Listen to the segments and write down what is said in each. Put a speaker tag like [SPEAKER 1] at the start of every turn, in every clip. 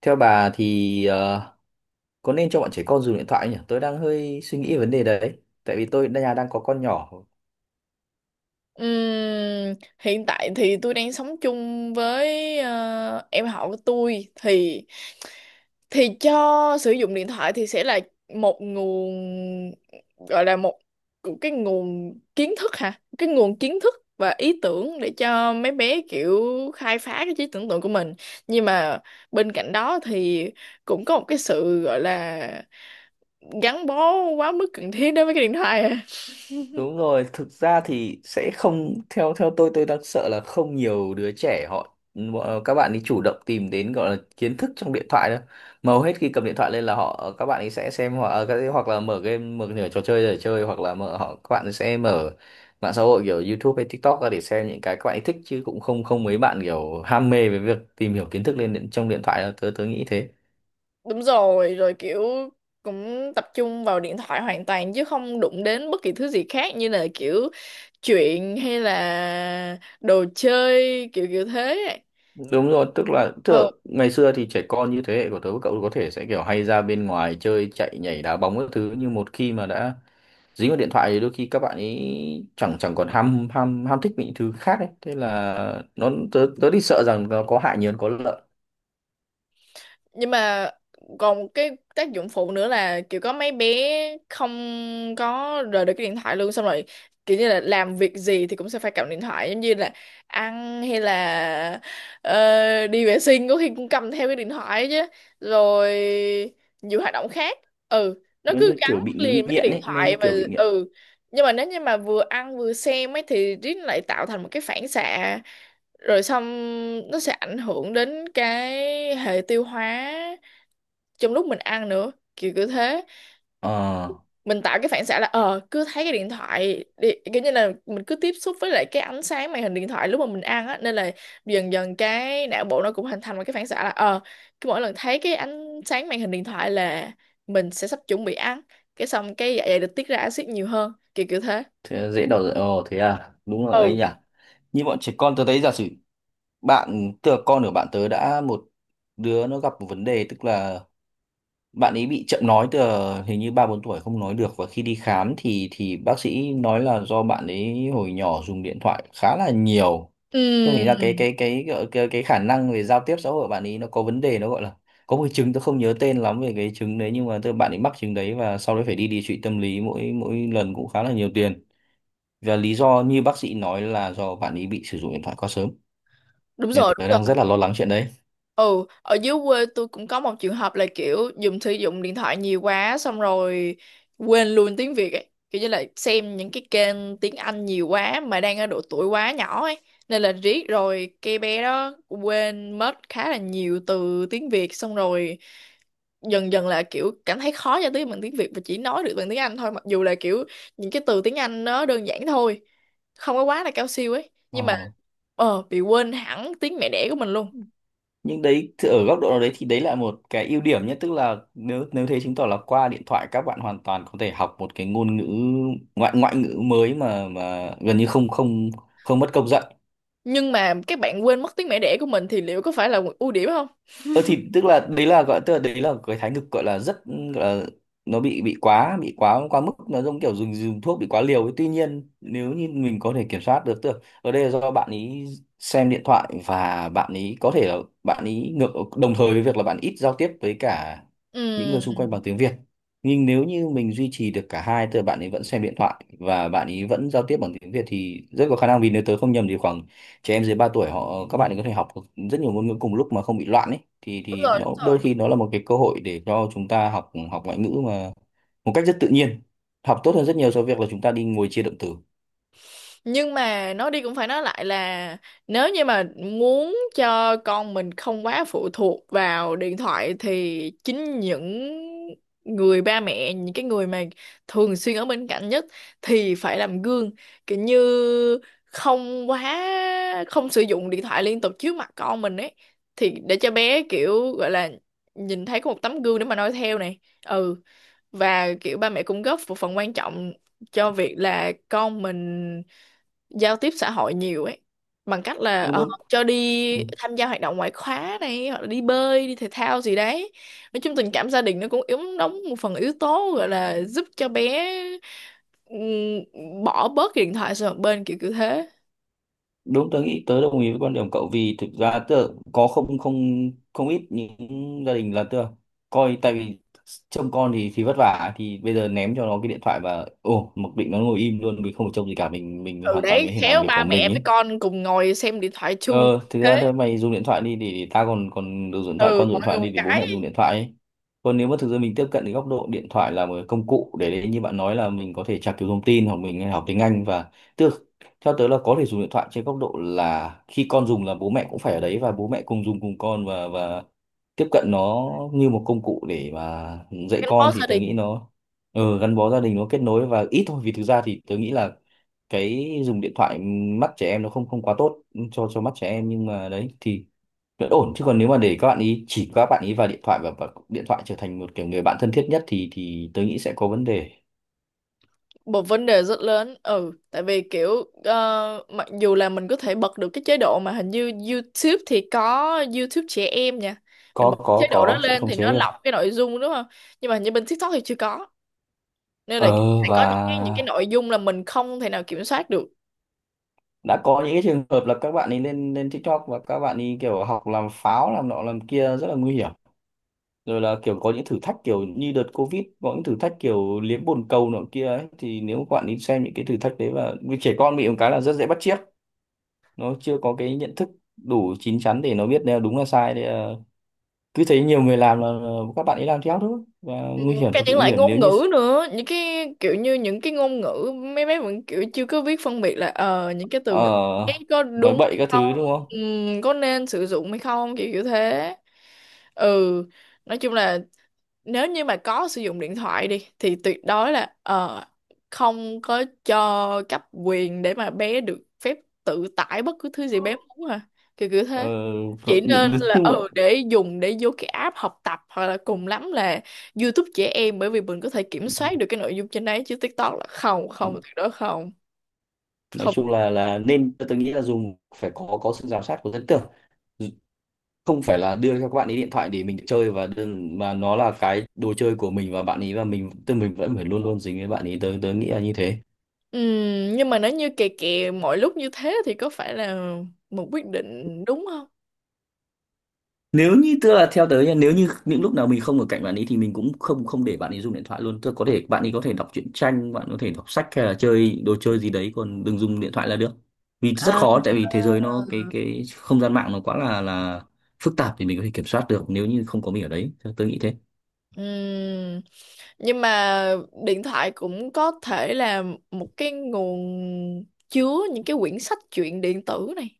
[SPEAKER 1] Theo bà thì có nên cho bọn trẻ con dùng điện thoại nhỉ? Tôi đang hơi suy nghĩ về vấn đề đấy. Tại vì tôi nhà đang có con nhỏ.
[SPEAKER 2] Hiện tại thì tôi đang sống chung với em họ của tôi thì cho sử dụng điện thoại thì sẽ là một nguồn gọi là một cái nguồn kiến thức hả, cái nguồn kiến thức và ý tưởng để cho mấy bé kiểu khai phá cái trí tưởng tượng của mình. Nhưng mà bên cạnh đó thì cũng có một cái sự gọi là gắn bó quá mức cần thiết đối với cái điện thoại à.
[SPEAKER 1] Đúng rồi, thực ra thì sẽ không theo theo tôi đang sợ là không nhiều đứa trẻ họ các bạn ấy chủ động tìm đến gọi là kiến thức trong điện thoại đâu. Mà hầu hết khi cầm điện thoại lên là các bạn ấy sẽ xem hoặc hoặc là mở game mở nửa trò chơi để chơi hoặc là mở các bạn ấy sẽ mở mạng xã hội kiểu YouTube hay TikTok ra để xem những cái các bạn ấy thích chứ cũng không không mấy bạn kiểu ham mê với việc tìm hiểu kiến thức lên trong điện thoại đâu. Tớ tớ nghĩ thế.
[SPEAKER 2] Đúng rồi rồi, kiểu cũng tập trung vào điện thoại hoàn toàn chứ không đụng đến bất kỳ thứ gì khác như là kiểu chuyện hay là đồ chơi kiểu kiểu thế.
[SPEAKER 1] Đúng rồi, tức là
[SPEAKER 2] Ờ,
[SPEAKER 1] ngày xưa thì trẻ con như thế hệ của tớ với cậu có thể sẽ kiểu hay ra bên ngoài chơi chạy nhảy đá bóng các thứ, nhưng một khi mà đã dính vào điện thoại thì đôi khi các bạn ấy chẳng chẳng còn ham ham ham thích những thứ khác ấy. Thế là nó tớ tớ thì sợ rằng nó có hại nhiều hơn có lợi.
[SPEAKER 2] nhưng mà còn một cái tác dụng phụ nữa là kiểu có mấy bé không có rời được cái điện thoại luôn, xong rồi kiểu như là làm việc gì thì cũng sẽ phải cầm điện thoại, giống như là ăn hay là đi vệ sinh có khi cũng cầm theo cái điện thoại, chứ rồi nhiều hoạt động khác ừ nó
[SPEAKER 1] Nó
[SPEAKER 2] cứ
[SPEAKER 1] như kiểu
[SPEAKER 2] gắn
[SPEAKER 1] bị
[SPEAKER 2] liền với cái
[SPEAKER 1] nghiện
[SPEAKER 2] điện
[SPEAKER 1] ấy, nó như
[SPEAKER 2] thoại. Và
[SPEAKER 1] kiểu bị nghiện.
[SPEAKER 2] ừ, nhưng mà nếu như mà vừa ăn vừa xem ấy thì riết lại tạo thành một cái phản xạ, rồi xong nó sẽ ảnh hưởng đến cái hệ tiêu hóa trong lúc mình ăn nữa, kiểu cứ thế
[SPEAKER 1] Ờ,
[SPEAKER 2] mình tạo cái phản xạ là ờ cứ thấy cái điện thoại đi, kiểu như là mình cứ tiếp xúc với lại cái ánh sáng màn hình điện thoại lúc mà mình ăn á, nên là dần dần cái não bộ nó cũng hình thành một cái phản xạ là ờ cứ mỗi lần thấy cái ánh sáng màn hình điện thoại là mình sẽ sắp chuẩn bị ăn, cái xong cái dạ dày được tiết ra axit nhiều hơn, kiểu kiểu thế.
[SPEAKER 1] thế dễ đầu, ồ thế à, đúng rồi ấy
[SPEAKER 2] Ừ.
[SPEAKER 1] nhỉ. Như bọn trẻ con tớ thấy giả sử bạn, tức là con của bạn tớ, đã một đứa nó gặp một vấn đề, tức là bạn ấy bị chậm nói từ hình như ba bốn tuổi không nói được, và khi đi khám thì bác sĩ nói là do bạn ấy hồi nhỏ dùng điện thoại khá là nhiều. Thế thành ra
[SPEAKER 2] Ừm,
[SPEAKER 1] cái khả năng về giao tiếp xã hội của bạn ấy nó có vấn đề, nó gọi là có một cái chứng tôi không nhớ tên lắm về cái chứng đấy, nhưng mà bạn ấy mắc chứng đấy và sau đấy phải đi điều trị tâm lý, mỗi mỗi lần cũng khá là nhiều tiền, và lý do như bác sĩ nói là do bạn ấy bị sử dụng điện thoại quá sớm,
[SPEAKER 2] đúng
[SPEAKER 1] nên
[SPEAKER 2] rồi
[SPEAKER 1] tôi đang
[SPEAKER 2] đúng.
[SPEAKER 1] rất là lo lắng chuyện đấy.
[SPEAKER 2] Ừ, ở dưới quê tôi cũng có một trường hợp là kiểu dùng sử dụng điện thoại nhiều quá, xong rồi quên luôn tiếng Việt ấy. Kiểu như là xem những cái kênh tiếng Anh nhiều quá mà đang ở độ tuổi quá nhỏ ấy. Nên là riết rồi cái bé đó quên mất khá là nhiều từ tiếng Việt, xong rồi dần dần là kiểu cảm thấy khó giao tiếp bằng tiếng Việt và chỉ nói được bằng tiếng Anh thôi, mặc dù là kiểu những cái từ tiếng Anh nó đơn giản thôi. Không có quá là cao siêu ấy. Nhưng mà
[SPEAKER 1] Ờ.
[SPEAKER 2] ờ bị quên hẳn tiếng mẹ đẻ của mình luôn.
[SPEAKER 1] Nhưng đấy thì ở góc độ nào đấy thì đấy là một cái ưu điểm nhé, tức là nếu nếu thế chứng tỏ là qua điện thoại các bạn hoàn toàn có thể học một cái ngôn ngữ, ngoại ngoại ngữ mới mà gần như không không không mất công dạy.
[SPEAKER 2] Nhưng mà các bạn quên mất tiếng mẹ đẻ của mình thì liệu có phải là một ưu điểm không?
[SPEAKER 1] Ờ thì tức là đấy là gọi, tức là đấy là cái thái cực gọi là rất gọi là nó bị quá, bị quá quá mức, nó giống kiểu dùng dùng thuốc bị quá liều ấy. Tuy nhiên nếu như mình có thể kiểm soát được, tức là ở đây là do bạn ý xem điện thoại và bạn ý có thể là bạn ý ngược đồng thời với việc là bạn ít giao tiếp với cả những người xung
[SPEAKER 2] Ừ,
[SPEAKER 1] quanh bằng tiếng Việt, nhưng nếu như mình duy trì được cả hai, tức là bạn ấy vẫn xem điện thoại và bạn ấy vẫn giao tiếp bằng tiếng Việt thì rất có khả năng, vì nếu tớ không nhầm thì khoảng trẻ em dưới 3 tuổi các bạn ấy có thể học rất nhiều ngôn ngữ cùng lúc mà không bị loạn ấy, thì
[SPEAKER 2] đúng rồi đúng
[SPEAKER 1] nó
[SPEAKER 2] rồi.
[SPEAKER 1] đôi khi nó là một cái cơ hội để cho chúng ta học học ngoại ngữ mà một cách rất tự nhiên, học tốt hơn rất nhiều so với việc là chúng ta đi ngồi chia động từ.
[SPEAKER 2] Nhưng mà nói đi cũng phải nói lại là nếu như mà muốn cho con mình không quá phụ thuộc vào điện thoại thì chính những người ba mẹ, những cái người mà thường xuyên ở bên cạnh nhất thì phải làm gương, kiểu như không quá, không sử dụng điện thoại liên tục trước mặt con mình ấy, thì để cho bé kiểu gọi là nhìn thấy có một tấm gương để mà noi theo này. Ừ, và kiểu ba mẹ cũng góp một phần quan trọng cho việc là con mình giao tiếp xã hội nhiều ấy, bằng cách là
[SPEAKER 1] Đúng đúng.
[SPEAKER 2] cho
[SPEAKER 1] Ừ.
[SPEAKER 2] đi tham gia hoạt động ngoại khóa này hoặc là đi bơi đi thể thao gì đấy. Nói chung tình cảm gia đình nó cũng yếu, đóng một phần yếu tố gọi là giúp cho bé ừm, bỏ bớt cái điện thoại sang một bên, kiểu kiểu thế.
[SPEAKER 1] Đúng, tớ nghĩ tớ đồng ý với quan điểm cậu, vì thực ra tớ có không không không ít những gia đình là tớ coi, tại vì trông con thì vất vả thì bây giờ ném cho nó cái điện thoại và ồ mặc định nó ngồi im luôn, mình không phải trông gì cả, mình
[SPEAKER 2] Từ
[SPEAKER 1] hoàn toàn
[SPEAKER 2] đấy
[SPEAKER 1] mình có thể làm
[SPEAKER 2] khéo
[SPEAKER 1] việc của
[SPEAKER 2] ba mẹ
[SPEAKER 1] mình
[SPEAKER 2] với
[SPEAKER 1] ấy.
[SPEAKER 2] con cùng ngồi xem điện thoại
[SPEAKER 1] Ờ,
[SPEAKER 2] chung.
[SPEAKER 1] thực ra
[SPEAKER 2] Thế
[SPEAKER 1] thôi mày dùng điện thoại đi thì ta còn còn được dùng điện thoại,
[SPEAKER 2] ừ
[SPEAKER 1] con dùng điện
[SPEAKER 2] mọi người
[SPEAKER 1] thoại
[SPEAKER 2] một
[SPEAKER 1] đi thì bố
[SPEAKER 2] cái
[SPEAKER 1] mẹ dùng điện thoại ấy. Còn nếu mà thực ra mình tiếp cận cái góc độ điện thoại là một cái công cụ để đấy, như bạn nói là mình có thể tra cứu thông tin hoặc mình học tiếng Anh, và tức theo tớ là có thể dùng điện thoại trên góc độ là khi con dùng là bố mẹ cũng phải ở đấy và bố mẹ cùng dùng cùng con, và tiếp cận nó như một công cụ để mà dạy
[SPEAKER 2] gắn
[SPEAKER 1] con
[SPEAKER 2] bó gia
[SPEAKER 1] thì tớ
[SPEAKER 2] đình.
[SPEAKER 1] nghĩ nó ừ, gắn bó gia đình, nó kết nối và ít thôi, vì thực ra thì tớ nghĩ là cái dùng điện thoại mắt trẻ em nó không không quá tốt cho mắt trẻ em, nhưng mà đấy thì vẫn ổn. Chứ còn nếu mà để các bạn ý chỉ các bạn ý vào điện thoại và điện thoại trở thành một kiểu người bạn thân thiết nhất thì tớ nghĩ sẽ có vấn đề.
[SPEAKER 2] Một vấn đề rất lớn, ừ tại vì kiểu mặc dù là mình có thể bật được cái chế độ mà hình như YouTube thì có, YouTube trẻ em nha. Mình
[SPEAKER 1] có
[SPEAKER 2] bật chế
[SPEAKER 1] có
[SPEAKER 2] độ đó
[SPEAKER 1] có sẽ
[SPEAKER 2] lên
[SPEAKER 1] không
[SPEAKER 2] thì
[SPEAKER 1] chế
[SPEAKER 2] nó
[SPEAKER 1] được.
[SPEAKER 2] lọc cái nội dung đúng không, nhưng mà hình như bên TikTok thì chưa có, nên là
[SPEAKER 1] ờ
[SPEAKER 2] sẽ
[SPEAKER 1] và
[SPEAKER 2] có những cái nội dung là mình không thể nào kiểm soát được.
[SPEAKER 1] đã có những cái trường hợp là các bạn ấy lên lên TikTok và các bạn ấy kiểu học làm pháo làm nọ làm kia rất là nguy hiểm, rồi là kiểu có những thử thách kiểu như đợt Covid có những thử thách kiểu liếm bồn cầu nọ kia ấy, thì nếu các bạn đi xem những cái thử thách đấy, và vì trẻ con bị một cái là rất dễ bắt chước, nó chưa có cái nhận thức đủ chín chắn để nó biết là đúng là sai, thì là cứ thấy nhiều người làm là các bạn ấy làm theo thôi, và
[SPEAKER 2] Ừ,
[SPEAKER 1] nguy hiểm,
[SPEAKER 2] cả
[SPEAKER 1] thực sự
[SPEAKER 2] những
[SPEAKER 1] nguy
[SPEAKER 2] loại
[SPEAKER 1] hiểm nếu
[SPEAKER 2] ngôn
[SPEAKER 1] như
[SPEAKER 2] ngữ nữa, những cái kiểu như những cái ngôn ngữ mấy bé vẫn kiểu chưa có biết phân biệt là ờ những cái từ
[SPEAKER 1] ờ,
[SPEAKER 2] ngữ ấy có
[SPEAKER 1] nói
[SPEAKER 2] đúng
[SPEAKER 1] bậy
[SPEAKER 2] hay
[SPEAKER 1] các thứ
[SPEAKER 2] không,
[SPEAKER 1] đúng
[SPEAKER 2] ừ,
[SPEAKER 1] không.
[SPEAKER 2] có nên sử dụng hay không, kiểu kiểu thế. Ừ, nói chung là nếu như mà có sử dụng điện thoại đi thì tuyệt đối là không có cho cấp quyền để mà bé được phép tự tải bất cứ thứ gì bé muốn à, kiểu kiểu
[SPEAKER 1] ờ,
[SPEAKER 2] thế. Chỉ
[SPEAKER 1] nhưng
[SPEAKER 2] nên là
[SPEAKER 1] nhưng mà
[SPEAKER 2] ừ để dùng để vô cái app học tập, hoặc là cùng lắm là YouTube trẻ em, bởi vì mình có thể kiểm soát được cái nội dung trên đấy, chứ TikTok là không, không tuyệt đối không
[SPEAKER 1] nói
[SPEAKER 2] không.
[SPEAKER 1] chung là nên tôi nghĩ là dùng phải có sự giám sát của dân tưởng, không phải là đưa cho các bạn ấy điện thoại để mình chơi và đơn mà nó là cái đồ chơi của mình và bạn ấy, và mình tức mình vẫn phải luôn luôn dính với bạn ấy. Tớ tớ nghĩ là như thế.
[SPEAKER 2] Nhưng mà nếu như kè kè mọi lúc như thế thì có phải là một quyết định đúng không?
[SPEAKER 1] Nếu như tức là theo tớ nha, nếu như những lúc nào mình không ở cạnh bạn ấy thì mình cũng không không để bạn ấy dùng điện thoại luôn, tức là có thể bạn ấy có thể đọc truyện tranh, bạn có thể đọc sách hay là chơi đồ chơi gì đấy, còn đừng dùng điện thoại là được. Vì rất
[SPEAKER 2] À.
[SPEAKER 1] khó, tại vì thế giới nó cái không gian mạng nó quá là phức tạp thì mình có thể kiểm soát được nếu như không có mình ở đấy, tớ nghĩ thế.
[SPEAKER 2] Ừm, nhưng mà điện thoại cũng có thể là một cái nguồn chứa những cái quyển sách truyện điện tử này,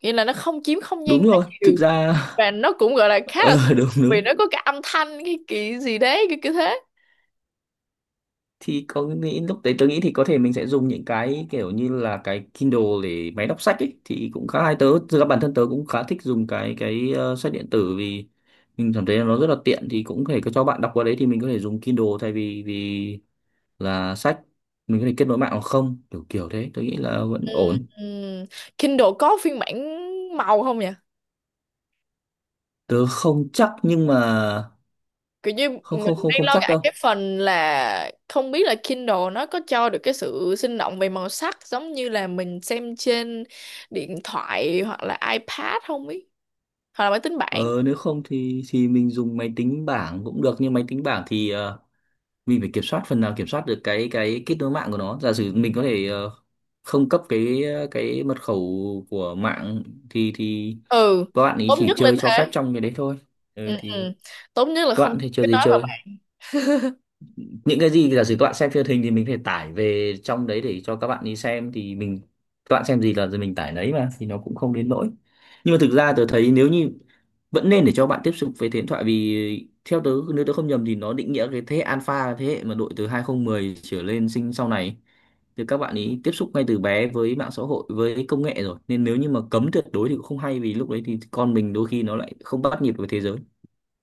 [SPEAKER 2] nghĩa là nó không chiếm không
[SPEAKER 1] Đúng
[SPEAKER 2] gian quá
[SPEAKER 1] rồi, thực
[SPEAKER 2] nhiều,
[SPEAKER 1] ra
[SPEAKER 2] và nó cũng gọi là khá là sạch,
[SPEAKER 1] ờ đúng
[SPEAKER 2] vì
[SPEAKER 1] đúng.
[SPEAKER 2] nó có cái âm thanh cái kỳ gì đấy cái kiểu thế.
[SPEAKER 1] Thì có nghĩ lúc đấy tôi nghĩ thì có thể mình sẽ dùng những cái kiểu như là cái Kindle để máy đọc sách ấy thì cũng khá hay. Tớ thực ra bản thân tớ cũng khá thích dùng sách điện tử, vì mình cảm thấy là nó rất là tiện, thì cũng có thể cho bạn đọc qua đấy, thì mình có thể dùng Kindle thay vì vì là sách, mình có thể kết nối mạng hoặc không kiểu kiểu thế, tôi nghĩ là vẫn
[SPEAKER 2] Ừm,
[SPEAKER 1] ổn.
[SPEAKER 2] ừm. Kindle có phiên bản màu không nhỉ?
[SPEAKER 1] Tớ không chắc, nhưng mà
[SPEAKER 2] Kiểu như
[SPEAKER 1] không
[SPEAKER 2] mình
[SPEAKER 1] không không
[SPEAKER 2] đang
[SPEAKER 1] không
[SPEAKER 2] lo
[SPEAKER 1] chắc
[SPEAKER 2] ngại cái
[SPEAKER 1] đâu.
[SPEAKER 2] phần là không biết là Kindle nó có cho được cái sự sinh động về màu sắc giống như là mình xem trên điện thoại hoặc là iPad không ý, hoặc là máy tính bảng.
[SPEAKER 1] Ờ nếu không thì mình dùng máy tính bảng cũng được, nhưng máy tính bảng thì mình phải kiểm soát, phần nào kiểm soát được cái kết nối mạng của nó, giả sử mình có thể không cấp cái cái mật khẩu của mạng thì
[SPEAKER 2] Ừ,
[SPEAKER 1] các bạn ấy
[SPEAKER 2] tốt
[SPEAKER 1] chỉ
[SPEAKER 2] nhất lên
[SPEAKER 1] chơi cho phép
[SPEAKER 2] thế.
[SPEAKER 1] trong cái đấy thôi. Ừ,
[SPEAKER 2] Ừ,
[SPEAKER 1] thì
[SPEAKER 2] ừ. Tốt nhất là
[SPEAKER 1] các
[SPEAKER 2] không
[SPEAKER 1] bạn thì chơi
[SPEAKER 2] cái
[SPEAKER 1] gì
[SPEAKER 2] nói mà
[SPEAKER 1] chơi,
[SPEAKER 2] bạn.
[SPEAKER 1] những cái gì giả sử các bạn xem trên hình thì mình phải tải về trong đấy để cho các bạn đi xem, thì mình các bạn xem gì là mình tải đấy mà thì nó cũng không đến nỗi. Nhưng mà thực ra tớ thấy nếu như vẫn nên để cho bạn tiếp xúc với thế hệ điện thoại, vì theo tớ nếu tớ không nhầm thì nó định nghĩa cái thế hệ alpha là thế hệ mà đội từ 2010 trở lên sinh sau này thì các bạn ấy tiếp xúc ngay từ bé với mạng xã hội với công nghệ rồi, nên nếu như mà cấm tuyệt đối thì cũng không hay, vì lúc đấy thì con mình đôi khi nó lại không bắt nhịp với thế giới.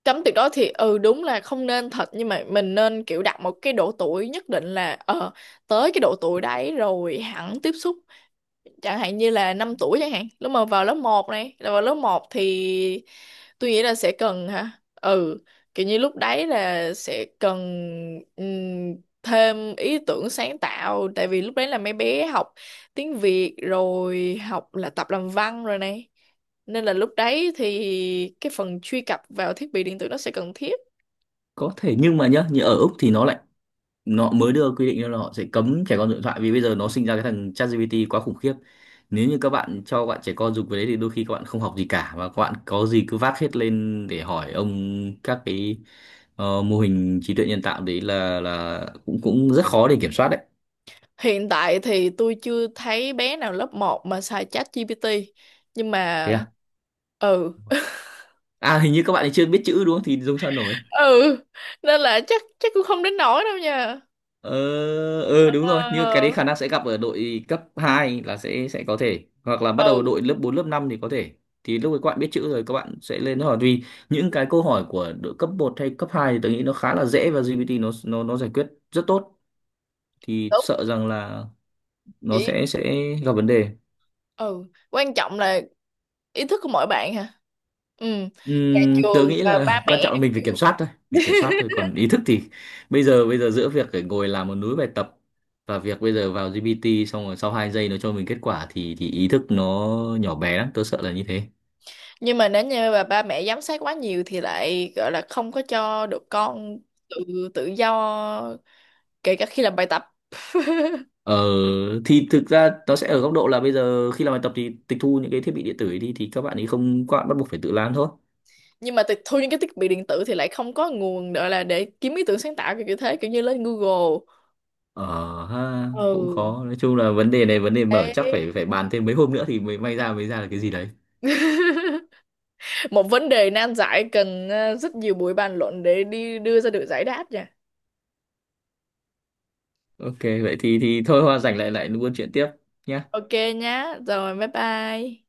[SPEAKER 2] Cấm tuyệt đối thì ừ đúng là không nên thật, nhưng mà mình nên kiểu đặt một cái độ tuổi nhất định là ờ tới cái độ tuổi đấy rồi hẳn tiếp xúc, chẳng hạn như là 5 tuổi chẳng hạn, lúc mà vào lớp 1 này, là vào lớp 1 thì tôi nghĩ là sẽ cần hả. Ừ, kiểu như lúc đấy là sẽ cần ừm, thêm ý tưởng sáng tạo, tại vì lúc đấy là mấy bé học tiếng Việt rồi học là tập làm văn rồi này, nên là lúc đấy thì cái phần truy cập vào thiết bị điện tử nó sẽ cần thiết.
[SPEAKER 1] Có thể, nhưng mà nhá như ở Úc thì nó lại nó mới đưa quy định ra là họ sẽ cấm trẻ con dùng điện thoại, vì bây giờ nó sinh ra cái thằng ChatGPT quá khủng khiếp, nếu như các bạn cho bạn trẻ con dùng cái đấy thì đôi khi các bạn không học gì cả, và các bạn có gì cứ vác hết lên để hỏi ông các cái mô hình trí tuệ nhân tạo đấy, là cũng cũng rất khó để kiểm soát đấy.
[SPEAKER 2] Hiện tại thì tôi chưa thấy bé nào lớp 1 mà xài chat GPT, nhưng mà
[SPEAKER 1] Thế à,
[SPEAKER 2] ừ
[SPEAKER 1] à hình như các bạn ấy chưa biết chữ đúng không thì dùng sao nổi.
[SPEAKER 2] ừ nên là chắc chắc cũng không đến nỗi đâu nha.
[SPEAKER 1] Ờ, ừ đúng rồi, như cái đấy
[SPEAKER 2] Ờ
[SPEAKER 1] khả năng sẽ gặp ở đội cấp 2 là sẽ có thể, hoặc là bắt đầu
[SPEAKER 2] ừ
[SPEAKER 1] đội lớp 4 lớp 5 thì có thể. Thì lúc ấy các bạn biết chữ rồi các bạn sẽ lên hỏi, vì những cái câu hỏi của đội cấp một hay cấp 2 thì tôi nghĩ nó khá là dễ và GPT nó giải quyết rất tốt, thì
[SPEAKER 2] đúng
[SPEAKER 1] sợ rằng là nó
[SPEAKER 2] chỉ
[SPEAKER 1] sẽ gặp vấn đề.
[SPEAKER 2] ừ. Quan trọng là ý thức của mỗi bạn hả. Ừ,
[SPEAKER 1] Tớ
[SPEAKER 2] trường
[SPEAKER 1] nghĩ
[SPEAKER 2] và ba
[SPEAKER 1] là quan
[SPEAKER 2] mẹ.
[SPEAKER 1] trọng là mình phải kiểm soát thôi, mình kiểm soát thôi, còn ý thức thì bây giờ giữa việc phải ngồi làm một núi bài tập và việc bây giờ vào GPT xong rồi sau 2 giây nó cho mình kết quả thì ý thức nó nhỏ bé lắm, tớ sợ là như thế.
[SPEAKER 2] Nhưng mà nếu như mà ba mẹ giám sát quá nhiều thì lại gọi là không có cho được con tự tự do, kể cả khi làm bài tập.
[SPEAKER 1] Ờ thì thực ra nó sẽ ở góc độ là bây giờ khi làm bài tập thì tịch thu những cái thiết bị điện tử ấy đi thì các bạn ấy không, các bạn bắt buộc phải tự làm thôi.
[SPEAKER 2] Nhưng mà tịch thu những cái thiết bị điện tử thì lại không có nguồn gọi là để kiếm ý tưởng sáng tạo, kiểu như thế, kiểu như lên Google.
[SPEAKER 1] Ờ ha, cũng
[SPEAKER 2] Ừ.
[SPEAKER 1] khó, nói chung là vấn đề này vấn đề mở chắc
[SPEAKER 2] Đấy.
[SPEAKER 1] phải phải bàn thêm mấy hôm nữa thì mới may ra mới ra là cái gì đấy.
[SPEAKER 2] Một vấn đề nan giải cần rất nhiều buổi bàn luận để đi đưa ra được giải đáp nha.
[SPEAKER 1] OK, vậy thì thôi hoa rảnh lại lại buôn chuyện tiếp nhá.
[SPEAKER 2] Ok nhá. Rồi bye bye.